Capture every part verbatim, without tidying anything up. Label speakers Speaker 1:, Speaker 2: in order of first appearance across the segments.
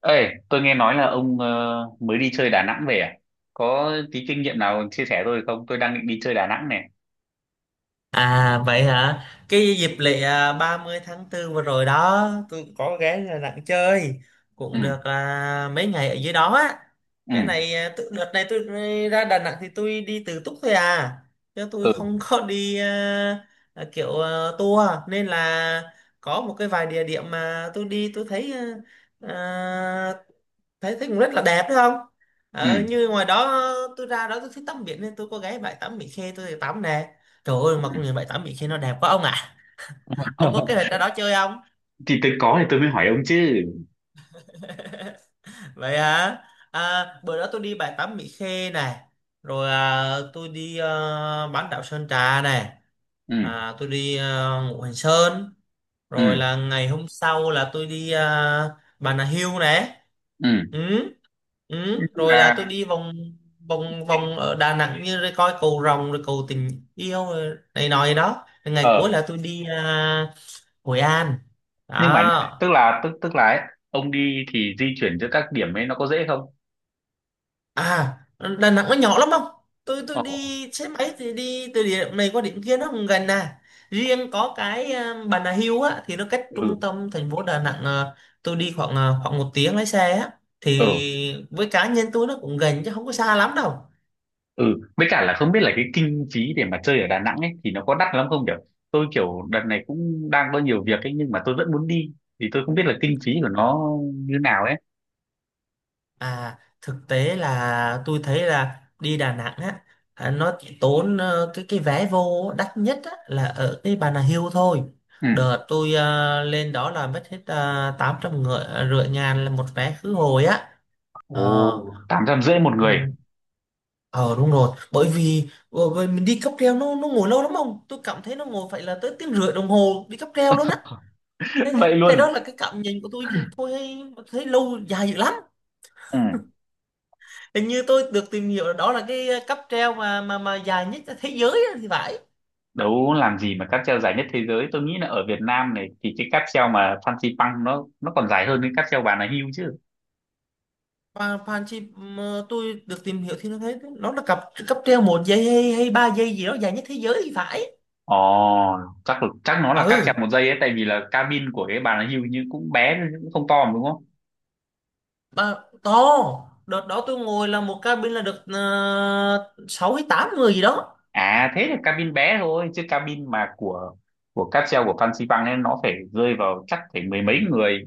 Speaker 1: Ê, tôi nghe nói là ông ờ, mới đi chơi Đà Nẵng về à? Có tí kinh nghiệm nào chia sẻ tôi không? Tôi đang định đi chơi Đà Nẵng này.
Speaker 2: À vậy hả? Cái dịp lễ à, ba mươi tháng tư vừa rồi đó, tôi cũng có ghé Đà Nẵng chơi,
Speaker 1: Ừ,
Speaker 2: cũng được à, mấy ngày ở dưới đó á.
Speaker 1: ừ,
Speaker 2: Cái này à, tự- đợt này tôi ra Đà Nẵng thì tôi đi tự túc thôi à, chứ tôi
Speaker 1: ừ,
Speaker 2: không có đi à, à, kiểu à, tour nên là có một cái vài địa điểm mà tôi đi tôi thấy à, à, thấy thấy cũng rất là đẹp đúng không, ờ, như ngoài đó tôi ra đó tôi thích tắm biển nên tôi có ghé bãi tắm Mỹ Khê tôi thì tắm nè, trời ơi mà
Speaker 1: ừ.
Speaker 2: công nhận bãi tắm Mỹ Khê nó đẹp quá ông ạ. Ông có kế hoạch ra đó chơi không?
Speaker 1: Thì tôi có thì tôi mới hỏi ông chứ.
Speaker 2: Vậy hả? À, bữa đó tôi đi bãi tắm Mỹ Khê này, rồi à, tôi đi à, bán đảo Sơn Trà này,
Speaker 1: Ừ,
Speaker 2: à, tôi đi à, Ngũ Hành Sơn,
Speaker 1: ừ,
Speaker 2: rồi là ngày hôm sau là tôi đi à, Bà Nà Hills này.
Speaker 1: ừ.
Speaker 2: Ừ. Ừ,
Speaker 1: Nhưng
Speaker 2: rồi là tôi
Speaker 1: mà,
Speaker 2: đi vòng vòng vòng ở Đà Nẵng như rồi coi cầu Rồng rồi cầu Tình Yêu rồi này nọ gì đó. Rồi ngày cuối
Speaker 1: ờ,
Speaker 2: là tôi đi à, Hội An
Speaker 1: nhưng mà nhá,
Speaker 2: đó.
Speaker 1: tức là tức tức là ấy, ông đi thì di chuyển giữa các điểm ấy nó có dễ không?
Speaker 2: À, Đà Nẵng nó nhỏ lắm không, tôi tôi
Speaker 1: Ồ,
Speaker 2: đi xe máy thì đi từ điểm này qua điểm kia nó cũng gần à, riêng có cái à, Bà Nà Hills á thì nó cách trung
Speaker 1: ừ,
Speaker 2: tâm thành phố Đà Nẵng à, tôi đi khoảng à, khoảng một tiếng lái xe á,
Speaker 1: ừ.
Speaker 2: thì với cá nhân tôi nó cũng gần chứ không có xa lắm đâu.
Speaker 1: Ừ, với cả là không biết là cái kinh phí để mà chơi ở Đà Nẵng ấy thì nó có đắt lắm không, kiểu tôi kiểu đợt này cũng đang có nhiều việc ấy, nhưng mà tôi vẫn muốn đi, thì tôi không biết là kinh phí của nó như nào ấy.
Speaker 2: À, thực tế là tôi thấy là đi Đà Nẵng á, à, nó chỉ tốn ờ, cái cái vé vô đắt nhất á, là ở cái Bà Nà Hills thôi.
Speaker 1: Ừ.
Speaker 2: Đợt tôi ờ, lên đó là mất hết uh, tám trăm ngựa, rưỡi ngàn là một vé khứ hồi á. Ờ.
Speaker 1: Ồ, tám trăm rưỡi một
Speaker 2: Ừ.
Speaker 1: người?
Speaker 2: Ờ đúng rồi, bởi vì ờ, bởi mình đi cáp treo nó nó ngồi lâu lắm không? Tôi cảm thấy nó ngồi phải là tới tiếng rưỡi đồng hồ đi cáp treo luôn á. Thế,
Speaker 1: Vậy
Speaker 2: thế đó
Speaker 1: luôn?
Speaker 2: là cái cảm nhận của tôi thôi, thấy thấy lâu dài dữ lắm.
Speaker 1: Ừ.
Speaker 2: Hình như tôi được tìm hiểu là đó là cái cáp treo mà mà mà dài nhất thế giới á thì phải.
Speaker 1: Đấu làm gì mà cáp treo dài nhất thế giới, tôi nghĩ là ở Việt Nam này thì cái cáp treo mà Fansi Pang nó nó còn dài hơn cái cáp treo Bà Nà Hills chứ.
Speaker 2: Và Phan Chi mà tôi được tìm hiểu thì nó thấy nó là cặp cáp treo một giây hay, hay ba giây gì đó dài nhất thế giới thì phải.
Speaker 1: Ồ, chắc chắc nó là cáp treo
Speaker 2: Ừ,
Speaker 1: một giây ấy, tại vì là cabin của cái Bà Nà Hills như cũng bé cũng không to mà đúng không?
Speaker 2: mà to, đợt đó tôi ngồi là một cabin là được uh, sáu hay tám người gì đó.
Speaker 1: À thế là cabin bé thôi, chứ cabin mà của của cáp treo của Phan Xi ấy nó phải rơi vào chắc phải mười mấy người.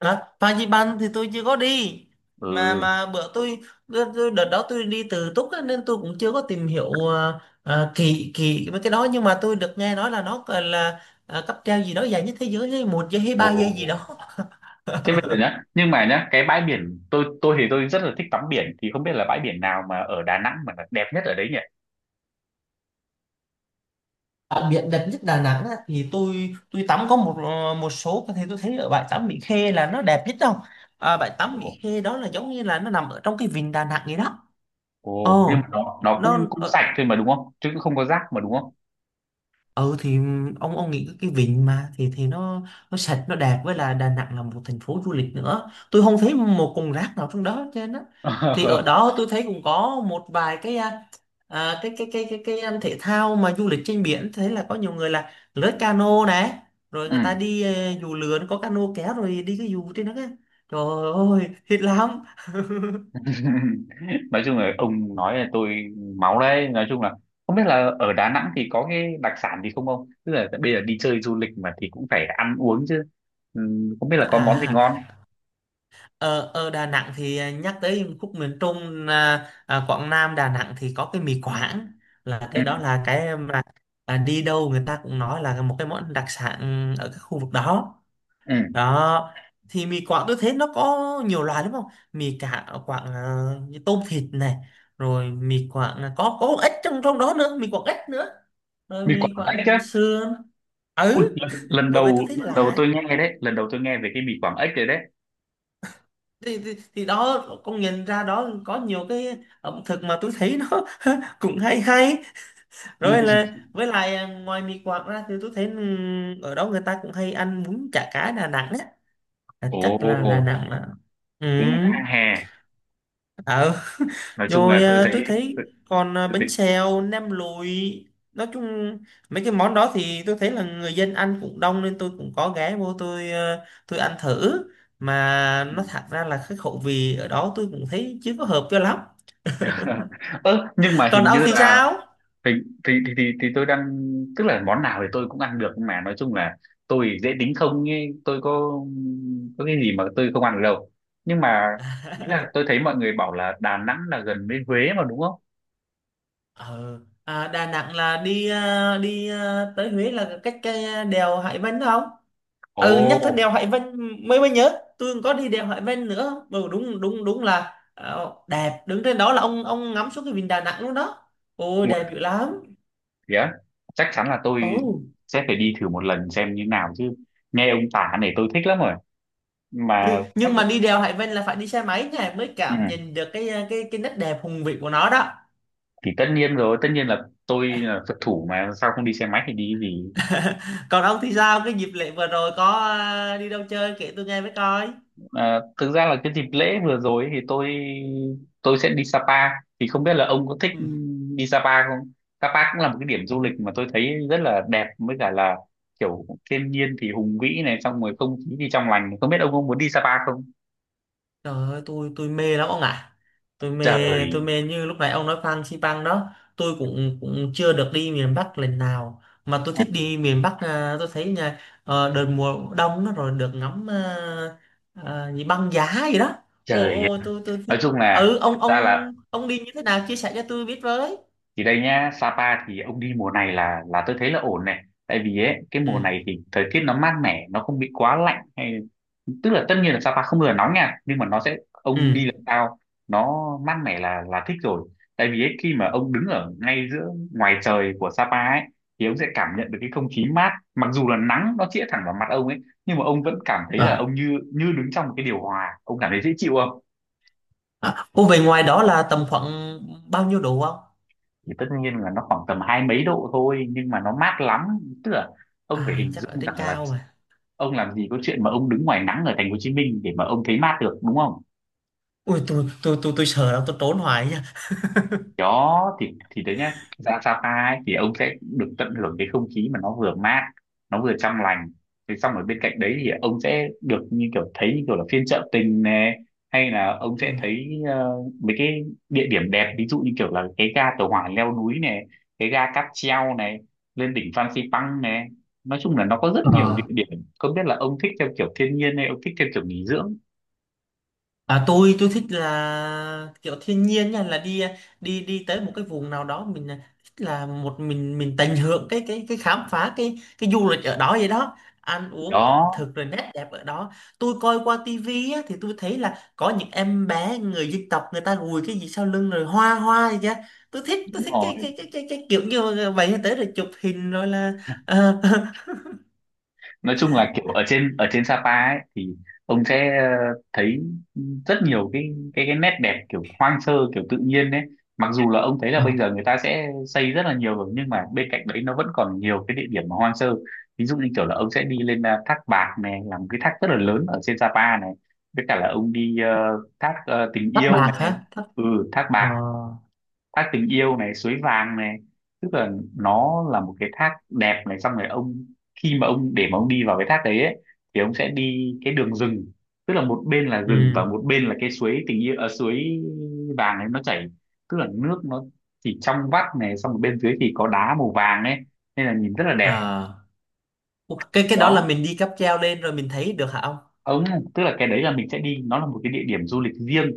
Speaker 2: À, Fansipan thì tôi chưa có đi,
Speaker 1: Ừ.
Speaker 2: mà mà bữa tôi, tôi tôi- đợt đó tôi đi tự túc á, nên tôi cũng chưa có tìm hiểu à, à, kỹ kỹ mấy cái đó, nhưng mà tôi được nghe nói là nó còn là à, cáp treo gì đó dài nhất thế giới hay một giây hay
Speaker 1: Ồ.
Speaker 2: ba giây gì
Speaker 1: Ồ.
Speaker 2: đó.
Speaker 1: Thế bây giờ nhá, nhưng mà nhá, cái bãi biển tôi tôi thì tôi rất là thích tắm biển, thì không biết là bãi biển nào mà ở Đà Nẵng mà là đẹp nhất ở đấy nhỉ?
Speaker 2: Đặc biệt đẹp nhất Đà Nẵng á, thì tôi tôi tắm có một ờ, một số thì tôi thấy ở bãi tắm Mỹ Khê là nó đẹp nhất đâu. À, bãi tắm
Speaker 1: Ồ.
Speaker 2: Mỹ Khê đó là giống như là nó nằm ở trong cái vịnh Đà Nẵng vậy đó.
Speaker 1: Ồ, nhưng mà
Speaker 2: Ồ,
Speaker 1: nó nó
Speaker 2: nó,
Speaker 1: cũng cũng sạch thôi mà đúng không? Chứ cũng không có rác mà đúng không?
Speaker 2: ừ thì ông ông nghĩ cái vịnh mà thì thì nó nó sạch nó đẹp, với là Đà Nẵng là một thành phố du lịch nữa, tôi không thấy một cục rác nào trong đó, trên á. Thì ở đó tôi thấy cũng có một vài cái à, à, cái cái cái cái cái um, thể thao mà du lịch trên biển, thấy là có nhiều người là lướt cano này, rồi người ta
Speaker 1: Ừ.
Speaker 2: đi ờ, dù lượn có cano kéo rồi đi cái dù trên đó á. Trời ơi thích lắm.
Speaker 1: Nói chung là ông nói là tôi máu đấy. Nói chung là không biết là ở Đà Nẵng thì có cái đặc sản gì không không, tức là bây giờ đi chơi du lịch mà thì cũng phải ăn uống chứ. Ừ, không biết là có món gì
Speaker 2: À,
Speaker 1: ngon.
Speaker 2: ở ở Đà Nẵng thì à, nhắc tới khúc miền Trung à, à, Quảng Nam Đà Nẵng thì có cái mì Quảng, là
Speaker 1: Ừ,
Speaker 2: cái đó là cái mà à, đi đâu người ta cũng nói là một cái món đặc sản ở cái khu vực đó
Speaker 1: ừ.
Speaker 2: đó. Thì mì Quảng tôi thấy nó có nhiều loại đúng không, mì cả Quảng à, như tôm thịt này, rồi mì Quảng là có có ếch trong trong đó nữa, mì Quảng ếch nữa, rồi
Speaker 1: Mì
Speaker 2: mì
Speaker 1: Quảng Ếch
Speaker 2: Quảng
Speaker 1: á?
Speaker 2: sườn.
Speaker 1: Ui,
Speaker 2: Ừ,
Speaker 1: lần, lần
Speaker 2: bởi vì
Speaker 1: đầu
Speaker 2: tôi thấy
Speaker 1: lần đầu
Speaker 2: lạ,
Speaker 1: tôi nghe đấy, lần đầu tôi nghe về cái mì Quảng Ếch rồi đấy.
Speaker 2: thì, thì, thì đó con nhìn ra đó có nhiều cái ẩm thực mà tôi thấy nó cũng hay hay.
Speaker 1: Ừ.
Speaker 2: Rồi là với lại à, ngoài mì Quảng ra thì tôi thấy ừm, ở đó người ta cũng hay ăn bún chả cá Đà Nẵng á. À,
Speaker 1: Ồ,
Speaker 2: chắc là Đà Nẵng là, ừ,
Speaker 1: cũng đang hè.
Speaker 2: ờ,
Speaker 1: Nói chung
Speaker 2: rồi
Speaker 1: là tôi
Speaker 2: à,
Speaker 1: thấy,
Speaker 2: tôi
Speaker 1: tôi,
Speaker 2: thấy còn à,
Speaker 1: tôi
Speaker 2: bánh
Speaker 1: thấy.
Speaker 2: xèo nem lụi, nói chung mấy cái món đó thì tôi thấy là người dân ăn cũng đông nên tôi cũng có ghé vô tôi à, tôi ăn thử, mà
Speaker 1: Ừ.
Speaker 2: nó thật ra là cái khẩu vị ở đó tôi cũng thấy chưa có hợp cho lắm.
Speaker 1: Ơ nhưng mà
Speaker 2: Còn
Speaker 1: hình
Speaker 2: ông
Speaker 1: như
Speaker 2: thì
Speaker 1: là
Speaker 2: sao?
Speaker 1: thì thì thì thì, thì tôi đang, tức là món nào thì tôi cũng ăn được, nhưng mà nói chung là tôi dễ tính không ấy, tôi có có cái gì mà tôi không ăn được đâu. Nhưng mà ý là tôi thấy mọi người bảo là Đà Nẵng là gần với Huế mà đúng không?
Speaker 2: Ờ à, Đà Nẵng là đi à, đi à, tới Huế là cách cái đèo Hải Vân đúng không.
Speaker 1: Ồ.
Speaker 2: Ừ, nhắc tới đèo Hải Vân mới mới nhớ, tôi còn có đi đèo Hải Vân nữa, ừ, đúng đúng đúng là ờ, đẹp, đứng trên đó là ông ông ngắm xuống cái vịnh Đà Nẵng luôn đó, ôi
Speaker 1: Nguồn
Speaker 2: đẹp dữ lắm.
Speaker 1: vía, chắc chắn là
Speaker 2: Ồ,
Speaker 1: tôi sẽ phải đi thử một lần xem như nào chứ. Nghe ông tả này tôi thích lắm rồi mà.
Speaker 2: nhưng
Speaker 1: Chắc.
Speaker 2: nhưng mà đi đèo Hải Vân là phải đi xe máy nha, mới
Speaker 1: Ừ,
Speaker 2: cảm nhận được cái à, cái cái nét đẹp hùng vĩ của nó đó.
Speaker 1: thì tất nhiên rồi, tất nhiên là tôi là Phật thủ mà, sao không đi xe máy thì đi cái gì?
Speaker 2: Còn ông thì sao, cái dịp lễ vừa rồi có à, đi đâu chơi kể tôi nghe với coi.
Speaker 1: À, thực ra là cái dịp lễ vừa rồi thì tôi tôi sẽ đi Sapa. Thì không biết là ông có thích đi Sapa không? Sapa cũng là một cái điểm du
Speaker 2: Ừ.
Speaker 1: lịch mà tôi thấy rất là đẹp, với cả là kiểu thiên nhiên thì hùng vĩ này, xong rồi không khí thì trong lành, không biết ông có muốn đi Sapa không?
Speaker 2: Trời ơi, tôi tôi mê lắm ông ạ. Tôi mê,
Speaker 1: Trời,
Speaker 2: tôi mê như lúc nãy ông nói Phan Xipang đó, tôi cũng cũng chưa được đi miền Bắc lần nào, mà tôi thích đi miền Bắc à, tôi thấy nha, ờ, đợt mùa đông nó rồi được ngắm à, à, gì băng giá gì đó. Ồ
Speaker 1: trời,
Speaker 2: ồ, tôi tôi
Speaker 1: nói
Speaker 2: thích.
Speaker 1: chung là
Speaker 2: Ừ,
Speaker 1: thật
Speaker 2: ông
Speaker 1: ra là,
Speaker 2: ông ông đi như thế nào chia sẻ cho tôi biết với.
Speaker 1: thì đây nhá, Sapa thì ông đi mùa này là là tôi thấy là ổn này, tại vì ấy cái mùa
Speaker 2: Ừ
Speaker 1: này thì thời tiết nó mát mẻ, nó không bị quá lạnh hay, tức là tất nhiên là Sapa không bao giờ nóng nha, nhưng mà nó sẽ ông đi
Speaker 2: ừ.
Speaker 1: lần sau nó mát mẻ là là thích rồi. Tại vì ấy, khi mà ông đứng ở ngay giữa ngoài trời của Sapa ấy, thì ông sẽ cảm nhận được cái không khí mát, mặc dù là nắng nó chĩa thẳng vào mặt ông ấy, nhưng mà ông vẫn cảm thấy là
Speaker 2: À,
Speaker 1: ông như như đứng trong một cái điều hòa, ông cảm thấy dễ chịu không?
Speaker 2: à, ô, về ngoài đó là tầm khoảng bao nhiêu độ không?
Speaker 1: Thì tất nhiên là nó khoảng tầm hai mấy độ thôi, nhưng mà nó mát lắm. Tức là ông phải
Speaker 2: À
Speaker 1: hình
Speaker 2: chắc ở
Speaker 1: dung
Speaker 2: trên
Speaker 1: rằng là
Speaker 2: cao mà.
Speaker 1: ông làm gì có chuyện mà ông đứng ngoài nắng ở thành phố Hồ Chí Minh để mà ông thấy mát được đúng không?
Speaker 2: Ui, tôi tôi tôi tôi sợ lắm, tôi trốn hoài nha.
Speaker 1: Đó thì thì đấy nhá, ra Sapa ấy, thì ông sẽ được tận hưởng cái không khí mà nó vừa mát, nó vừa trong lành, thì xong ở bên cạnh đấy thì ông sẽ được như kiểu thấy như kiểu là phiên chợ tình này, hay là ông
Speaker 2: Ừ.
Speaker 1: sẽ thấy ờ, mấy cái địa điểm đẹp, ví dụ như kiểu là cái ga tàu hỏa leo núi này, cái ga cáp treo này, lên đỉnh Phan Xipang này, nói chung là nó có rất nhiều địa
Speaker 2: Ờ.
Speaker 1: điểm. Không biết là ông thích theo kiểu thiên nhiên hay ông thích theo kiểu nghỉ dưỡng?
Speaker 2: À, tôi tôi thích là kiểu thiên nhiên nha, là đi đi đi tới một cái vùng nào đó mình à, thích là một mình mình tận hưởng cái cái cái khám phá cái cái du lịch ở đó vậy đó, ăn uống ẩm
Speaker 1: Đó,
Speaker 2: thực rồi nét đẹp ở đó. Tôi coi qua tivi á, thì tôi thấy là có những em bé người dân tộc người ta gùi cái gì sau lưng rồi hoa hoa gì chứ, tôi thích tôi
Speaker 1: đúng
Speaker 2: thích
Speaker 1: rồi.
Speaker 2: cái cái cái cái, cái kiểu như vậy, tới rồi chụp hình rồi là ờ.
Speaker 1: Nói chung là kiểu ở trên ở trên Sapa ấy thì ông sẽ ờ, thấy rất nhiều cái cái cái nét đẹp kiểu hoang sơ kiểu tự nhiên đấy. Mặc dù là ông thấy là
Speaker 2: Ờ,
Speaker 1: bây giờ người ta sẽ xây rất là nhiều rồi, nhưng mà bên cạnh đấy nó vẫn còn nhiều cái địa điểm mà hoang sơ. Ví dụ như kiểu là ông sẽ đi lên à, thác Bạc này là một cái thác rất là lớn ở trên Sapa này, với cả là ông đi ờ, thác ờ, Tình
Speaker 2: tóc
Speaker 1: Yêu
Speaker 2: bạc
Speaker 1: này.
Speaker 2: hả, tóc,
Speaker 1: Ừ, thác
Speaker 2: ờ,
Speaker 1: Bạc, thác Tình Yêu này, suối vàng này, tức là nó là một cái thác đẹp này, xong rồi ông, khi mà ông để mà ông đi vào cái thác đấy ấy, thì ông sẽ đi cái đường rừng. Tức là một bên là rừng và
Speaker 2: ừ,
Speaker 1: một bên là cái suối tình yêu, à, suối vàng ấy nó chảy, tức là nước nó chỉ trong vắt này, xong rồi bên dưới thì có đá màu vàng ấy, nên là nhìn rất là đẹp.
Speaker 2: ờ. Ủa, cái cái đó là
Speaker 1: Đó
Speaker 2: mình đi cáp treo lên rồi mình thấy được hả ông?
Speaker 1: ông, tức là cái đấy là mình sẽ đi, nó là một cái địa điểm du lịch riêng.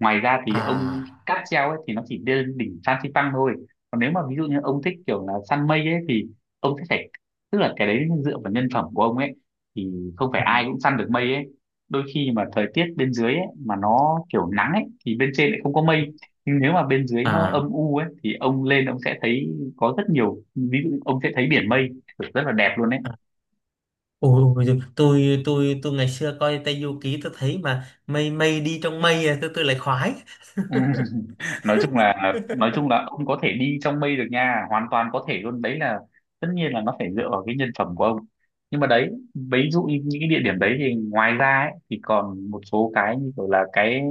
Speaker 1: Ngoài ra thì ông
Speaker 2: À
Speaker 1: cáp treo ấy thì nó chỉ lên đỉnh Phan Xipang thôi. Còn nếu mà ví dụ như ông thích kiểu là săn mây ấy thì ông sẽ phải, tức là cái đấy dựa vào nhân phẩm của ông ấy, thì không phải ai
Speaker 2: à
Speaker 1: cũng săn được mây ấy. Đôi khi mà thời tiết bên dưới ấy mà nó kiểu nắng ấy thì bên trên lại không có mây, nhưng nếu mà bên dưới nó
Speaker 2: à
Speaker 1: âm u ấy thì ông lên ông sẽ thấy có rất nhiều, ví dụ ông sẽ thấy biển mây kiểu rất là đẹp luôn ấy.
Speaker 2: à. Ôi ôi, giời, tôi tôi tôi ngày xưa coi Tây Du Ký tôi thấy mà mây mây đi trong mây à, tôi tôi lại khoái.
Speaker 1: Ừ. nói chung là nói chung là ông có thể đi trong mây được nha, hoàn toàn có thể luôn đấy, là tất nhiên là nó phải dựa vào cái nhân phẩm của ông. Nhưng mà đấy, ví dụ như những cái địa điểm đấy thì ngoài ra ấy, thì còn một số cái như kiểu là cái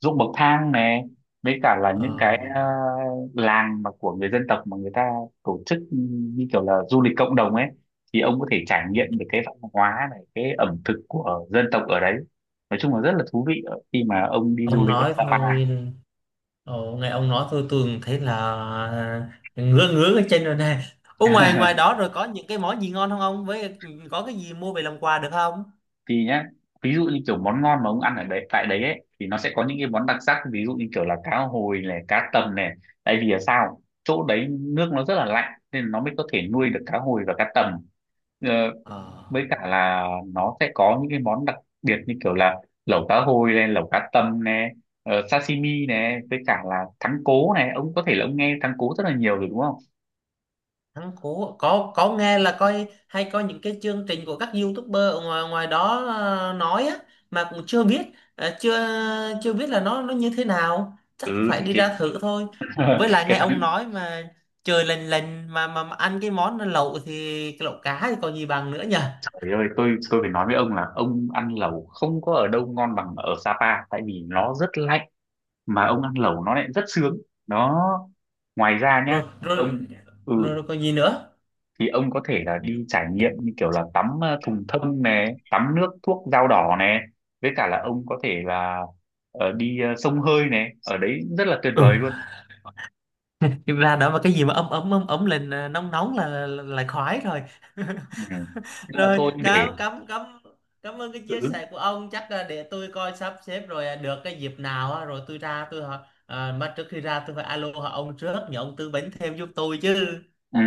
Speaker 1: ruộng bậc thang này, với cả là những
Speaker 2: Ờ,
Speaker 1: cái ờ, làng mà của người dân tộc mà người ta tổ chức, ừ, như kiểu là du lịch cộng đồng ấy, thì ông có thể trải nghiệm được cái văn hóa này, cái ẩm thực của dân tộc ở đấy, nói chung là rất là thú vị ở- khi mà ông đi du
Speaker 2: ông
Speaker 1: lịch ở
Speaker 2: nói
Speaker 1: Sapa.
Speaker 2: thôi, ồ, nghe ông nói thôi tôi cũng thấy là ngứa ngứa cái chân rồi nè. Ủa, ngoài ngoài đó rồi có những cái món gì ngon không ông, với có cái gì mua về làm quà được không?
Speaker 1: Thì nhá, ví dụ như kiểu món ngon mà ông ăn ở đấy tại đấy ấy, thì nó sẽ có những cái món đặc sắc, ví dụ như kiểu là cá hồi này, cá tầm này, tại vì là sao chỗ đấy nước nó rất là lạnh nên nó mới có thể nuôi được cá hồi và cá tầm. Ờ,
Speaker 2: Ờ.
Speaker 1: với cả là nó sẽ có những cái món đặc biệt như kiểu là lẩu cá hồi này, lẩu cá tầm này, ờ, sashimi này, với cả là thắng cố này, ông có thể là ông nghe thắng cố rất là nhiều rồi đúng không?
Speaker 2: Ăn Cú có có nghe, là coi hay coi những cái chương trình của các YouTuber ở ngoài ngoài đó ờ, nói á, mà cũng chưa biết, ờ, chưa chưa biết là nó nó như thế nào, chắc
Speaker 1: Ừ
Speaker 2: phải
Speaker 1: thì
Speaker 2: đi
Speaker 1: cái.
Speaker 2: ra thử thôi. Với lại nghe
Speaker 1: Cái
Speaker 2: ông
Speaker 1: thắng.
Speaker 2: nói mà trời lành lành, mà, mà mà ăn cái món lẩu thì cái lẩu cá thì còn gì bằng nữa nhỉ.
Speaker 1: Trời ơi, tôi tôi phải nói với ông là ông ăn lẩu không có ở đâu ngon bằng ở Sapa, tại vì nó rất lạnh mà ông ăn lẩu nó lại rất sướng. Đó. Ngoài ra nhá,
Speaker 2: Rồi rồi
Speaker 1: ông, ừ,
Speaker 2: rồi, rồi còn gì nữa.
Speaker 1: thì ông có thể là đi trải nghiệm như kiểu là tắm ờ, thùng thông này, tắm nước thuốc dao đỏ này, với cả là ông có thể là ờ, đi ờ, sông hơi này, ở đấy rất là tuyệt
Speaker 2: Ừ.
Speaker 1: vời luôn.
Speaker 2: Ra đó mà cái gì mà ấm ấm ấm ấm lên, ờ, nóng nóng là, là, là khoái rồi.
Speaker 1: Ừ. Nhưng mà
Speaker 2: Rồi,
Speaker 1: thôi để.
Speaker 2: cảm cảm cảm cảm ơn cái chia
Speaker 1: Ừ.
Speaker 2: sẻ của ông. Chắc là để tôi coi sắp xếp, rồi à, được cái dịp nào á, rồi tôi ra tôi hỏi à, mà trước khi ra tôi phải alo hỏi ông trước nhờ ông tư vấn thêm giúp tôi chứ.
Speaker 1: Ừ.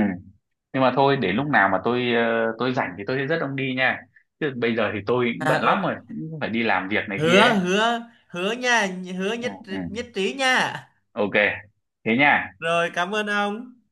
Speaker 1: Nhưng mà thôi, để lúc nào mà tôi ờ, tôi rảnh thì tôi sẽ dắt ông đi nha, chứ bây giờ thì tôi cũng bận
Speaker 2: À
Speaker 1: lắm
Speaker 2: ok.
Speaker 1: rồi, cũng phải đi làm việc này kia
Speaker 2: Hứa
Speaker 1: ấy.
Speaker 2: hứa hứa nha, hứa
Speaker 1: Ừ,
Speaker 2: nhất
Speaker 1: ừ.
Speaker 2: nhất trí nha.
Speaker 1: Ok, thế nha.
Speaker 2: Rồi cảm ơn ông.